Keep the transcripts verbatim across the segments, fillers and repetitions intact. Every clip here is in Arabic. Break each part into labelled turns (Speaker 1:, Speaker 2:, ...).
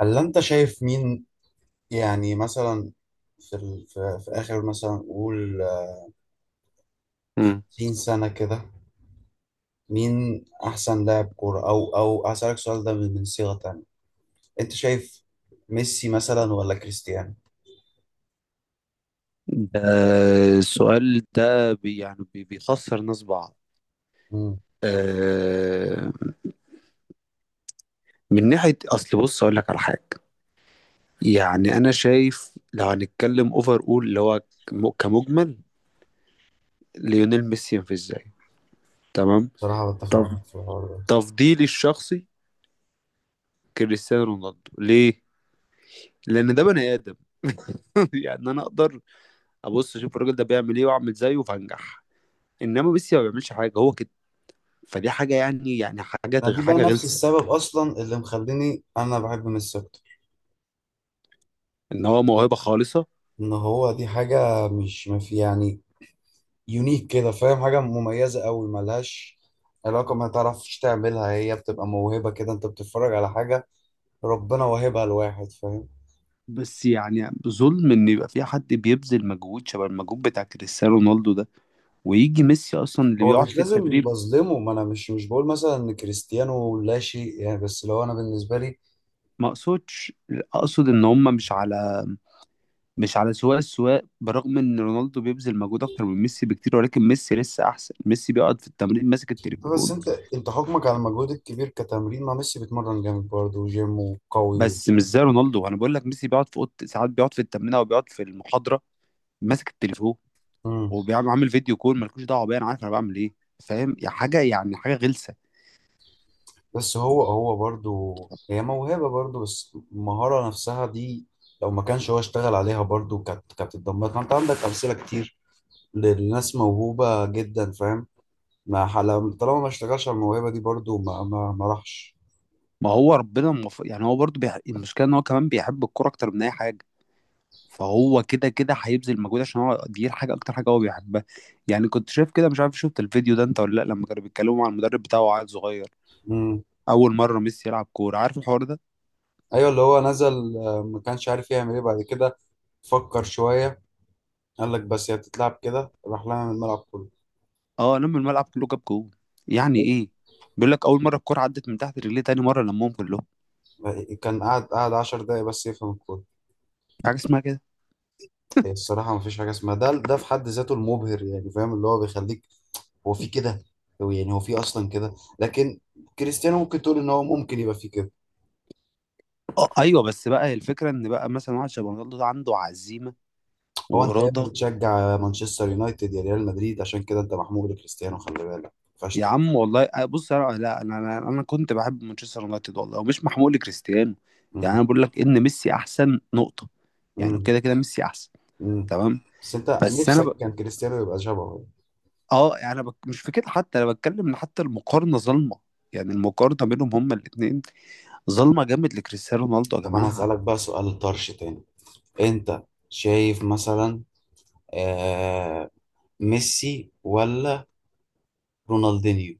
Speaker 1: هل انت شايف مين يعني مثلا في ال... في... في اخر مثلا قول
Speaker 2: مم.
Speaker 1: ستين سنة كده؟ مين احسن لاعب كورة او او هسألك السؤال ده من من صيغة تانية. انت شايف ميسي مثلا ولا كريستيانو؟
Speaker 2: آه، السؤال ده بي يعني بي- بيخسر ناس بعض.
Speaker 1: امم
Speaker 2: آه، من ناحية أصل، بص أقول لك على حاجة. يعني أنا شايف لو هنتكلم أوفر، أول اللي هو كم- كمجمل ليونيل ميسي ينفذ إزاي. تمام.
Speaker 1: بصراحة بتفق
Speaker 2: طب
Speaker 1: معاك في الحوار ده.
Speaker 2: تفضيلي الشخصي كريستيانو رونالدو ليه؟ لأن ده بني آدم. يعني أنا أقدر أبص أشوف الراجل ده بيعمل إيه وأعمل زيه فهنجح. إنما ميسي ما بيعملش حاجة، هو كده. فدي حاجة، يعني يعني حاجة
Speaker 1: أنا دي بقى
Speaker 2: حاجة
Speaker 1: نفس
Speaker 2: غلسة.
Speaker 1: السبب اصلا اللي مخليني انا بحب ميسي اكتر.
Speaker 2: ان هو موهبه خالصه.
Speaker 1: ان هو دي حاجة مش ما في يعني يونيك كده، فاهم؟ حاجة مميزة قوي ملهاش علاقة، ما تعرفش تعملها، هي بتبقى موهبة كده. انت بتتفرج على حاجة ربنا واهبها لواحد، فاهم؟
Speaker 2: بس يعني ظلم ان يبقى في حد بيبذل مجهود شبه المجهود بتاع كريستيانو رونالدو ده ويجي ميسي اصلا اللي
Speaker 1: هو
Speaker 2: بيقعد
Speaker 1: مش
Speaker 2: في
Speaker 1: لازم
Speaker 2: التدريب.
Speaker 1: بظلمه، ما انا مش مش بقول مثلا ان كريستيانو لا شيء يعني، بس لو انا بالنسبه لي.
Speaker 2: ما اقصدش. اقصد ان هم مش على، مش على سواء السواء، برغم ان رونالدو بيبذل مجهود اكتر من ميسي بكتير، ولكن ميسي لسه احسن. ميسي بيقعد في التمرين ماسك
Speaker 1: بس
Speaker 2: التليفون.
Speaker 1: انت انت حكمك على المجهود الكبير كتمرين، ما ميسي بيتمرن جامد برضه وجيم وقوي و...
Speaker 2: بس مش زي رونالدو، انا بقول لك ميسي بيقعد في اوضه ساعات، بيقعد في التمرين او بيقعد في المحاضره ماسك التليفون،
Speaker 1: مم.
Speaker 2: وبيعمل عامل فيديو كول، مالكوش دعوه بيا، انا عارف انا بعمل ايه. فاهم، يا حاجه يعني حاجه غلسه.
Speaker 1: بس هو هو برضه هي موهبه برضه، بس المهاره نفسها دي لو ما كانش هو اشتغل عليها برضه كانت كانت اتدمرت. ما انت عندك امثله كتير للناس موهوبه جدا، فاهم؟ ما حل- طالما ما اشتغلش على الموهبه دي برضه ما ما ما راحش.
Speaker 2: ما هو ربنا المف... يعني هو برضه بيح... المشكله ان هو كمان بيحب الكوره اكتر من اي حاجه. فهو كده كده هيبذل مجهود عشان هو دي الحاجه، اكتر حاجه هو بيحبها. يعني كنت شايف كده، مش عارف شفت الفيديو ده انت ولا لا، لما كانوا بيتكلموا مع المدرب بتاعه، وعيل صغير اول مره ميسي يلعب كوره، عارف الحوار ده؟
Speaker 1: ايوه، اللي هو نزل، آه، ما كانش عارف يعمل ايه بعد كده. فكر شويه قال لك بس هي بتتلعب كده، راح لها من الملعب كله.
Speaker 2: اه، لم الملعب كله، جاب جول. يعني ايه؟ بيقول لك اول مره الكوره عدت من تحت رجليه، تاني مره لمهم كلهم.
Speaker 1: كان قاعد قاعد عشر دقايق بس يفهم الكورة.
Speaker 2: في حاجه اسمها كده؟
Speaker 1: هي الصراحة ما فيش حاجة اسمها ده ده في حد ذاته المبهر، يعني فاهم؟ اللي هو بيخليك هو في كده، هو يعني هو في أصلا كده، لكن كريستيانو ممكن تقول إن هو ممكن يبقى في كده.
Speaker 2: اه ايوه، بس بقى الفكره ان بقى مثلا واحد شبه رونالدو ده عنده عزيمه
Speaker 1: هو أنت يا إما
Speaker 2: واراده.
Speaker 1: بتشجع مانشستر يونايتد يا ريال مدريد، عشان كده أنت محمود لكريستيانو، خلي بالك
Speaker 2: يا
Speaker 1: فشتك.
Speaker 2: عم والله، أه، بص انا لا، انا انا أنا كنت بحب مانشستر يونايتد والله، ومش محمول لكريستيانو. يعني
Speaker 1: مم.
Speaker 2: انا بقول لك ان ميسي احسن نقطه. يعني
Speaker 1: مم.
Speaker 2: كده كده ميسي احسن.
Speaker 1: مم.
Speaker 2: تمام.
Speaker 1: بس أنت
Speaker 2: بس انا
Speaker 1: نفسك كان
Speaker 2: ب...
Speaker 1: كريستيانو يبقى شبهه.
Speaker 2: اه يعني انا بك... مش في كده. حتى انا بتكلم ان حتى المقارنه ظالمه. يعني المقارنه بينهم هما الاثنين ظالمه جامد لكريستيانو رونالدو يا
Speaker 1: طب انا
Speaker 2: جماعه.
Speaker 1: هسألك بقى سؤال طرش تاني. انت شايف مثلا آه، ميسي ولا رونالدينيو؟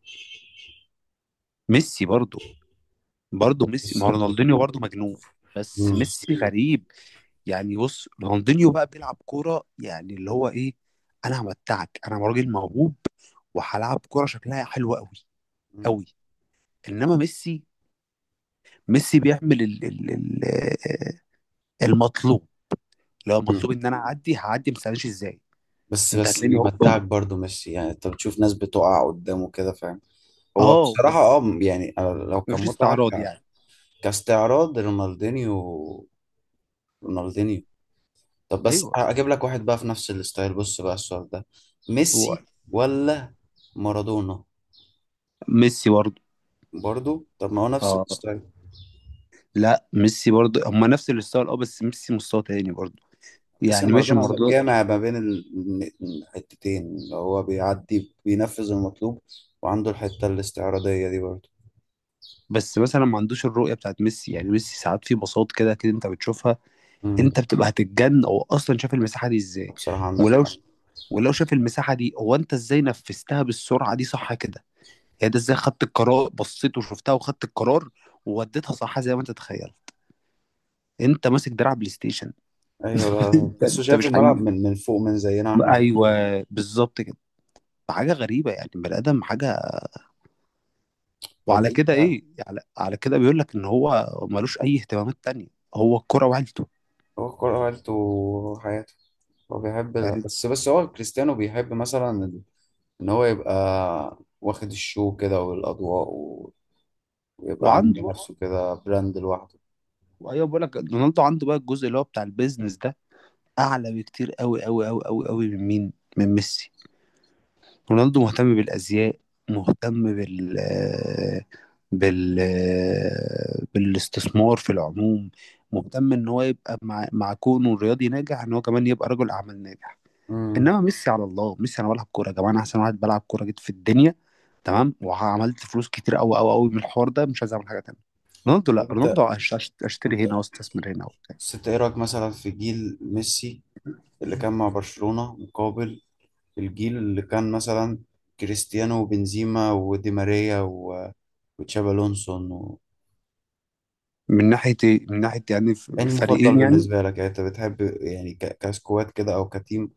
Speaker 2: ميسي برضو. برضو ميسي، ما
Speaker 1: ميسي
Speaker 2: هو
Speaker 1: برضه.
Speaker 2: رونالدينيو برضو مجنون. بس
Speaker 1: مم.
Speaker 2: ميسي غريب. يعني بص رونالدينيو بقى بيلعب كوره، يعني اللي هو ايه، انا همتعك، انا راجل موهوب وهلعب كوره شكلها حلو قوي
Speaker 1: مم.
Speaker 2: قوي. انما ميسي. ميسي بيعمل ال ال ال آه، المطلوب. لو
Speaker 1: مم.
Speaker 2: المطلوب ان انا اعدي هعدي، ما تسالنيش ازاي.
Speaker 1: بس
Speaker 2: انت
Speaker 1: بس
Speaker 2: هتلاقيني هوب.
Speaker 1: بيمتعك برضو ميسي، يعني انت بتشوف ناس بتقع قدامه كده، فاهم؟ هو
Speaker 2: اه
Speaker 1: بصراحة
Speaker 2: بس
Speaker 1: اه يعني أنا لو كان
Speaker 2: مفيش
Speaker 1: متعة
Speaker 2: استعراض
Speaker 1: ك-
Speaker 2: يعني.
Speaker 1: كاستعراض رونالدينيو. رونالدينيو طب بس
Speaker 2: ايوه،
Speaker 1: اجيب لك واحد بقى في نفس الستايل، بص بقى السؤال ده.
Speaker 2: هو
Speaker 1: ميسي ولا مارادونا؟
Speaker 2: ميسي برضه.
Speaker 1: برضو؟ طب ما هو نفس
Speaker 2: اه
Speaker 1: الستايل.
Speaker 2: لا، ميسي برضه، هما نفس الستايل، اه بس ميسي مستوى تاني برضه.
Speaker 1: تحس ان
Speaker 2: يعني ماشي
Speaker 1: مارادونا
Speaker 2: مارادونا.
Speaker 1: جامع ما بين ال- الحتتين، اللي هو بيعدي بينفذ المطلوب وعنده الحتة الاستعراضية دي برضه.
Speaker 2: بس مثلا ما عندوش الرؤيه بتاعت ميسي، يعني ميسي ساعات في بساط كده كده انت بتشوفها. انت
Speaker 1: امم
Speaker 2: بتبقى هتتجن، هو اصلا شاف المساحه دي ازاي.
Speaker 1: بصراحة عندك
Speaker 2: ولو
Speaker 1: حق.
Speaker 2: ولو شاف المساحه دي، هو انت ازاي نفذتها بالسرعه دي، صح كده؟ يعني ده ازاي خدت القرار، بصيت وشفتها وخدت القرار ووديتها صح، زي ما انت تتخيل انت ماسك دراع بلاي ستيشن.
Speaker 1: ايوه، ده
Speaker 2: انت
Speaker 1: تحسه
Speaker 2: انت
Speaker 1: شايف
Speaker 2: مش
Speaker 1: الملعب
Speaker 2: حقيقي.
Speaker 1: من من فوق، من زينا احنا.
Speaker 2: ايوه بالظبط كده. حاجه غريبه يعني، بني ادم حاجه.
Speaker 1: طب
Speaker 2: وعلى كده
Speaker 1: انت،
Speaker 2: ايه، على, على كده بيقول لك ان هو ملوش اي اهتمامات تانية. هو الكرة وعيلته.
Speaker 1: هو الكورة عيلته وحياته. هو بيحب،
Speaker 2: فاهم.
Speaker 1: بس بس هو كريستيانو بيحب مثلا ال- ان هو يبقى واخد الشو كده والاضواء و- ويبقى عامل
Speaker 2: وعنده،
Speaker 1: لنفسه كده براند لوحده.
Speaker 2: ايوه بقول لك رونالدو عنده بقى الجزء اللي هو بتاع البيزنس ده اعلى بكتير قوي قوي قوي قوي قوي من مين من ميسي. رونالدو مهتم بالازياء، مهتم بال بال بالاستثمار في العموم. مهتم ان هو يبقى مع مع كونه الرياضي ناجح، ان هو كمان يبقى رجل اعمال ناجح.
Speaker 1: امم
Speaker 2: انما ميسي، على الله ميسي، انا بلعب كوره يا جماعه، انا احسن واحد بلعب كوره جيت في الدنيا. تمام. وعملت فلوس كتير قوي قوي قوي من الحوار ده، مش عايز اعمل حاجه تانيه. رونالدو لا، رونالدو
Speaker 1: انت
Speaker 2: هش- هش- هشتري
Speaker 1: انت
Speaker 2: هنا واستثمر هنا وبتاع.
Speaker 1: بس انت ايه رايك مثلا في جيل ميسي اللي كان مع برشلونة مقابل الجيل اللي كان مثلا كريستيانو وبنزيما ودي ماريا و- وتشابي الونسو و...
Speaker 2: من ناحيه إيه؟ من ناحيه يعني ف-
Speaker 1: ايه المفضل
Speaker 2: الفريقين يعني.
Speaker 1: بالنسبة لك؟ يعني انت بتحب يعني ك... كسكواد كده او كتيم؟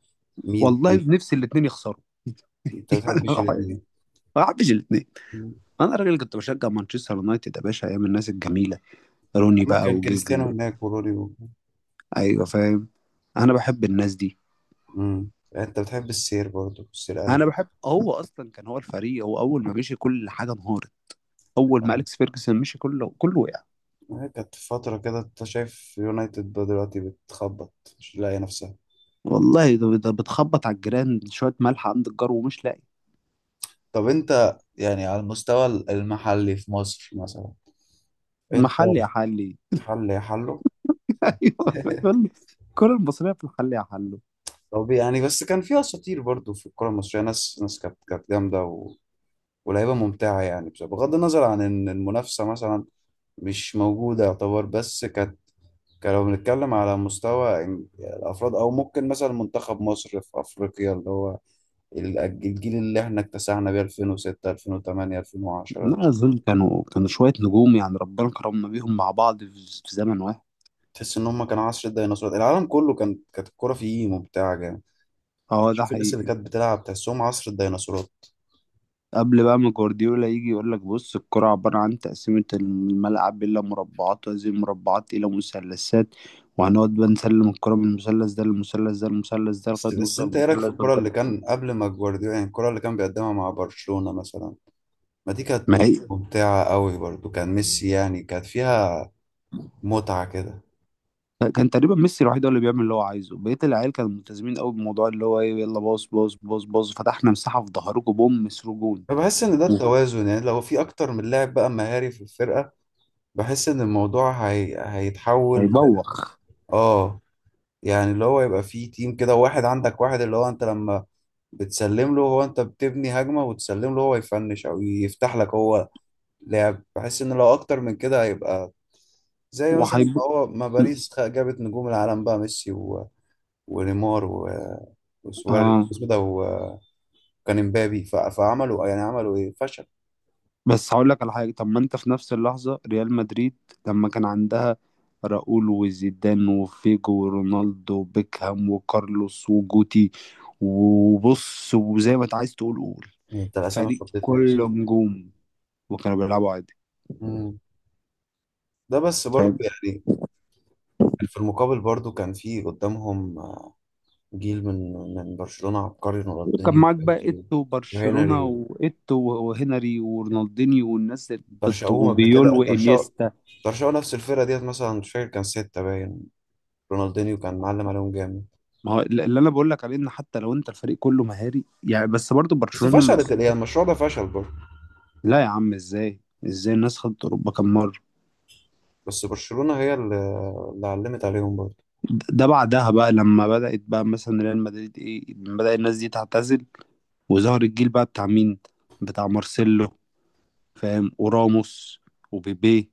Speaker 1: مين
Speaker 2: والله
Speaker 1: مين؟
Speaker 2: نفسي الاثنين يخسروا.
Speaker 1: انت بتحبش
Speaker 2: يعني
Speaker 1: الاثنين؟
Speaker 2: ما بحبش الاثنين. انا راجل كنت بشجع مانشستر يونايتد يا باشا ايام الناس الجميله، روني
Speaker 1: اما
Speaker 2: بقى
Speaker 1: كان
Speaker 2: وجيجز.
Speaker 1: كريستيانو هناك ورودي و...
Speaker 2: ايوه فاهم. انا بحب الناس دي.
Speaker 1: مم. يعني انت بتحب السير برضه، السير
Speaker 2: انا
Speaker 1: قالت.
Speaker 2: بحب هو اصلا كان هو الفريق، هو اول ما مشي كل حاجه انهارت. اول ما
Speaker 1: تفهم.
Speaker 2: اليكس فيرجسون مشي كله كله وقع.
Speaker 1: هي كانت فترة كده، انت شايف يونايتد دلوقتي بتخبط، مش لاقية نفسها.
Speaker 2: والله ده, ده بتخبط على الجيران، شويه ملح عند الجار ومش لاقي
Speaker 1: طب انت يعني على المستوى المحلي في مصر مثلا، انت،
Speaker 2: محل يا حلي.
Speaker 1: حل يا حلو.
Speaker 2: ايوه. الكره المصريه في الحل يا حلو.
Speaker 1: طب يعني بس كان فيها اساطير برضو في الكره المصريه، ناس ناس كانت كانت جامده و... ولعيبه ممتعه يعني. بس بغض النظر عن ان المنافسه مثلا مش موجوده يعتبر، بس كانت. كان لو بنتكلم على مستوى إن- الافراد، او ممكن مثلا منتخب مصر في افريقيا، اللي هو ال- الجيل اللي احنا اكتسحنا بيه ألفين وستة ألفين وتمانية ألفين وعشرة ده.
Speaker 2: لا أظن، كانوا كانوا شوية نجوم يعني ربنا كرمنا بيهم مع بعض في في زمن واحد.
Speaker 1: تحس ان هم كانوا عصر الديناصورات، العالم كله كان كانت الكوره فيه ممتعه جامد.
Speaker 2: اه ده
Speaker 1: تشوف الناس اللي
Speaker 2: حقيقي.
Speaker 1: كانت بتلعب تحسهم عصر الديناصورات.
Speaker 2: قبل بقى ما جوارديولا يجي يقول لك بص، الكرة عبارة عن تقسيمة الملعب إلى مربعات، وهذه المربعات إلى مثلثات، وهنقعد بقى نسلم الكرة من المثلث ده للمثلث ده للمثلث ده لغاية
Speaker 1: بس
Speaker 2: ما
Speaker 1: بس
Speaker 2: نوصل
Speaker 1: انت ايه رايك في
Speaker 2: للمثلث ده
Speaker 1: الكرة اللي
Speaker 2: قدام.
Speaker 1: كان قبل ما جوارديولا، يعني الكرة اللي كان بيقدمها مع برشلونة مثلا، ما دي
Speaker 2: ما
Speaker 1: كانت
Speaker 2: هي.
Speaker 1: ممتعة قوي برضو. كان ميسي يعني كانت فيها متعة كده.
Speaker 2: كان تقريبا ميسي الوحيد هو اللي بيعمل اللي هو عايزه، بقية العيال كانوا ملتزمين قوي بموضوع اللي هو ايه، يلا باص باص باص باص، فتحنا مساحة في ظهركم بوم، مسروا جون.
Speaker 1: فبحس ان ده التوازن، يعني لو في اكتر من لاعب بقى مهاري في الفرقة، بحس ان الموضوع هي... هيتحول.
Speaker 2: هيبوخ.
Speaker 1: اه، يعني اللي هو يبقى فيه تيم كده، واحد عندك واحد اللي هو انت لما بتسلم له هو، انت بتبني هجمة وتسلم له هو يفنش او يفتح لك هو لعب. بحس ان لو اكتر من كده هيبقى، زي مثلا
Speaker 2: وهيب.
Speaker 1: هو ما باريس خ- جابت نجوم العالم بقى ميسي و... ونيمار و... وسواريز
Speaker 2: اه
Speaker 1: اسمه إيه ده، وكان امبابي ف... فعملوا يعني عملوا ايه؟ فشل.
Speaker 2: بس هقول لك على حاجه. طب ما انت في نفس اللحظه ريال مدريد لما كان عندها راؤول وزيدان وفيجو ورونالدو وبيكهام وكارلوس وجوتي، وبص وزي ما انت عايز تقول قول،
Speaker 1: انت الاسامي
Speaker 2: فريق
Speaker 1: فضتني
Speaker 2: كله
Speaker 1: اصلا.
Speaker 2: نجوم، وكانوا بيلعبوا عادي.
Speaker 1: مم. ده بس برضه
Speaker 2: فاهم.
Speaker 1: يعني، في المقابل برضه كان في قدامهم، آه، جيل من من برشلونة عبقري:
Speaker 2: وكان
Speaker 1: رونالدينيو
Speaker 2: معاك بقى
Speaker 1: وبيدرو
Speaker 2: ايتو وبرشلونه
Speaker 1: وهنري.
Speaker 2: وايتو وهنري ورونالدينيو والناس، بت-
Speaker 1: ترشقوهم قبل
Speaker 2: وبيول
Speaker 1: كده، ترشقوا،
Speaker 2: وانيستا.
Speaker 1: ترشقوا نفس الفرقة ديت مثلا، مش فاكر كان ستة باين. رونالدينيو كان معلم عليهم جامد.
Speaker 2: ما هو اللي انا بقول لك عليه، ان حتى لو انت الفريق كله مهاري، يعني بس برضو
Speaker 1: بس
Speaker 2: برشلونه لما.
Speaker 1: فشلت الإيه، المشروع ده فشل برضه.
Speaker 2: لا يا عم، ازاي. ازاي الناس خدت اوروبا كام مره.
Speaker 1: بس برشلونة هي اللي، اللي علمت عليهم برضه.
Speaker 2: ده ده بعدها بقى لما بدات بقى مثلا ريال مدريد ايه، بدا الناس دي تعتزل، وظهر الجيل بقى بتاع مين، بتاع مارسيلو، فاهم، وراموس وبيبي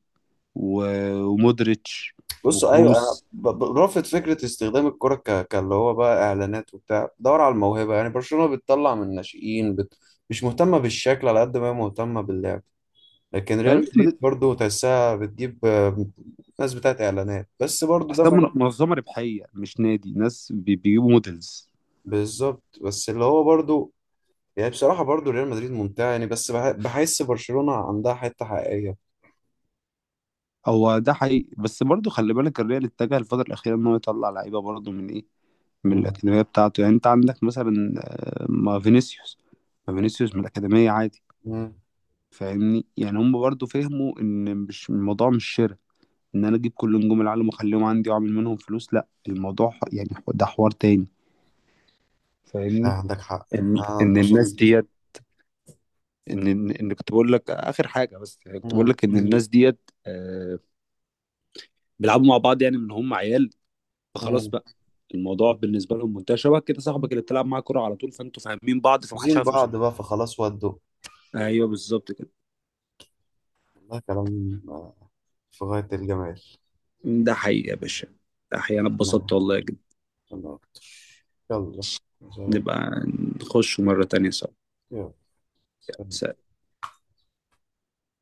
Speaker 2: و- ومودريتش
Speaker 1: بصوا ايوه، انا
Speaker 2: وكروس.
Speaker 1: ب- ب- برافض فكره استخدام الكره ك... كاللي هو بقى اعلانات وبتاع. دور على الموهبه، يعني برشلونة بتطلع من الناشئين بت... مش مهتمه بالشكل على قد ما هي مهتمه باللعب. لكن ريال
Speaker 2: ريال
Speaker 1: مدريد
Speaker 2: مدريد،
Speaker 1: برضه تحسها بتجيب، آه، ناس بتاعت اعلانات، بس برضه ده
Speaker 2: تحسها
Speaker 1: ما...
Speaker 2: من- منظمه ربحيه مش نادي، ناس بي- بيجيبوا موديلز.
Speaker 1: بالظبط، بس اللي هو برضه يعني. بصراحه برضه ريال مدريد ممتع يعني، بس بح... بحس برشلونة عندها حته حقيقيه.
Speaker 2: هو ده حقيقي، بس برضه خلي بالك، الريال اتجه الفتره الاخيره ان هو يطلع لعيبه برضه من ايه، من
Speaker 1: مم.
Speaker 2: الأكاديمية بتاعته. يعني أنت عندك مثلا، آه، ما فينيسيوس. ما فينيسيوس من الأكاديمية عادي.
Speaker 1: مم.
Speaker 2: فاهمني، يعني هم برضو فهموا إن مش الموضوع، مش شراء، إن أنا أجيب كل نجوم العالم وأخليهم عندي وأعمل منهم فلوس، لأ الموضوع ح- يعني ح- ده حوار تاني.
Speaker 1: آه،
Speaker 2: فاهمني.
Speaker 1: عندك حق.
Speaker 2: إن
Speaker 1: أنا
Speaker 2: إن الناس
Speaker 1: اتبسطت.
Speaker 2: ديت، إن إن إن كنت بقول لك آخر حاجة، بس يعني كنت بقول
Speaker 1: مم.
Speaker 2: لك إن الناس ديت، آه، بيلعبوا مع بعض يعني من هم عيال، فخلاص
Speaker 1: مم.
Speaker 2: بقى الموضوع بالنسبة لهم منتهي، شبه كده صاحبك اللي بتلعب معاه كورة على طول، فأنتوا فاهمين بعض فمحدش
Speaker 1: عاوزين
Speaker 2: عارف
Speaker 1: بعض
Speaker 2: قصاده.
Speaker 1: بقى فخلاص ودوا.
Speaker 2: ايوه بالظبط كده.
Speaker 1: والله كلام، آه، في غاية الجمال.
Speaker 2: ده حقيقي يا باشا. ده حقيقي، انا اتبسطت
Speaker 1: نعم.
Speaker 2: والله جدا.
Speaker 1: أنا أكتر. يلا. سلام.
Speaker 2: نبقى نخش مرة تانية سوا.
Speaker 1: يلا. سلام.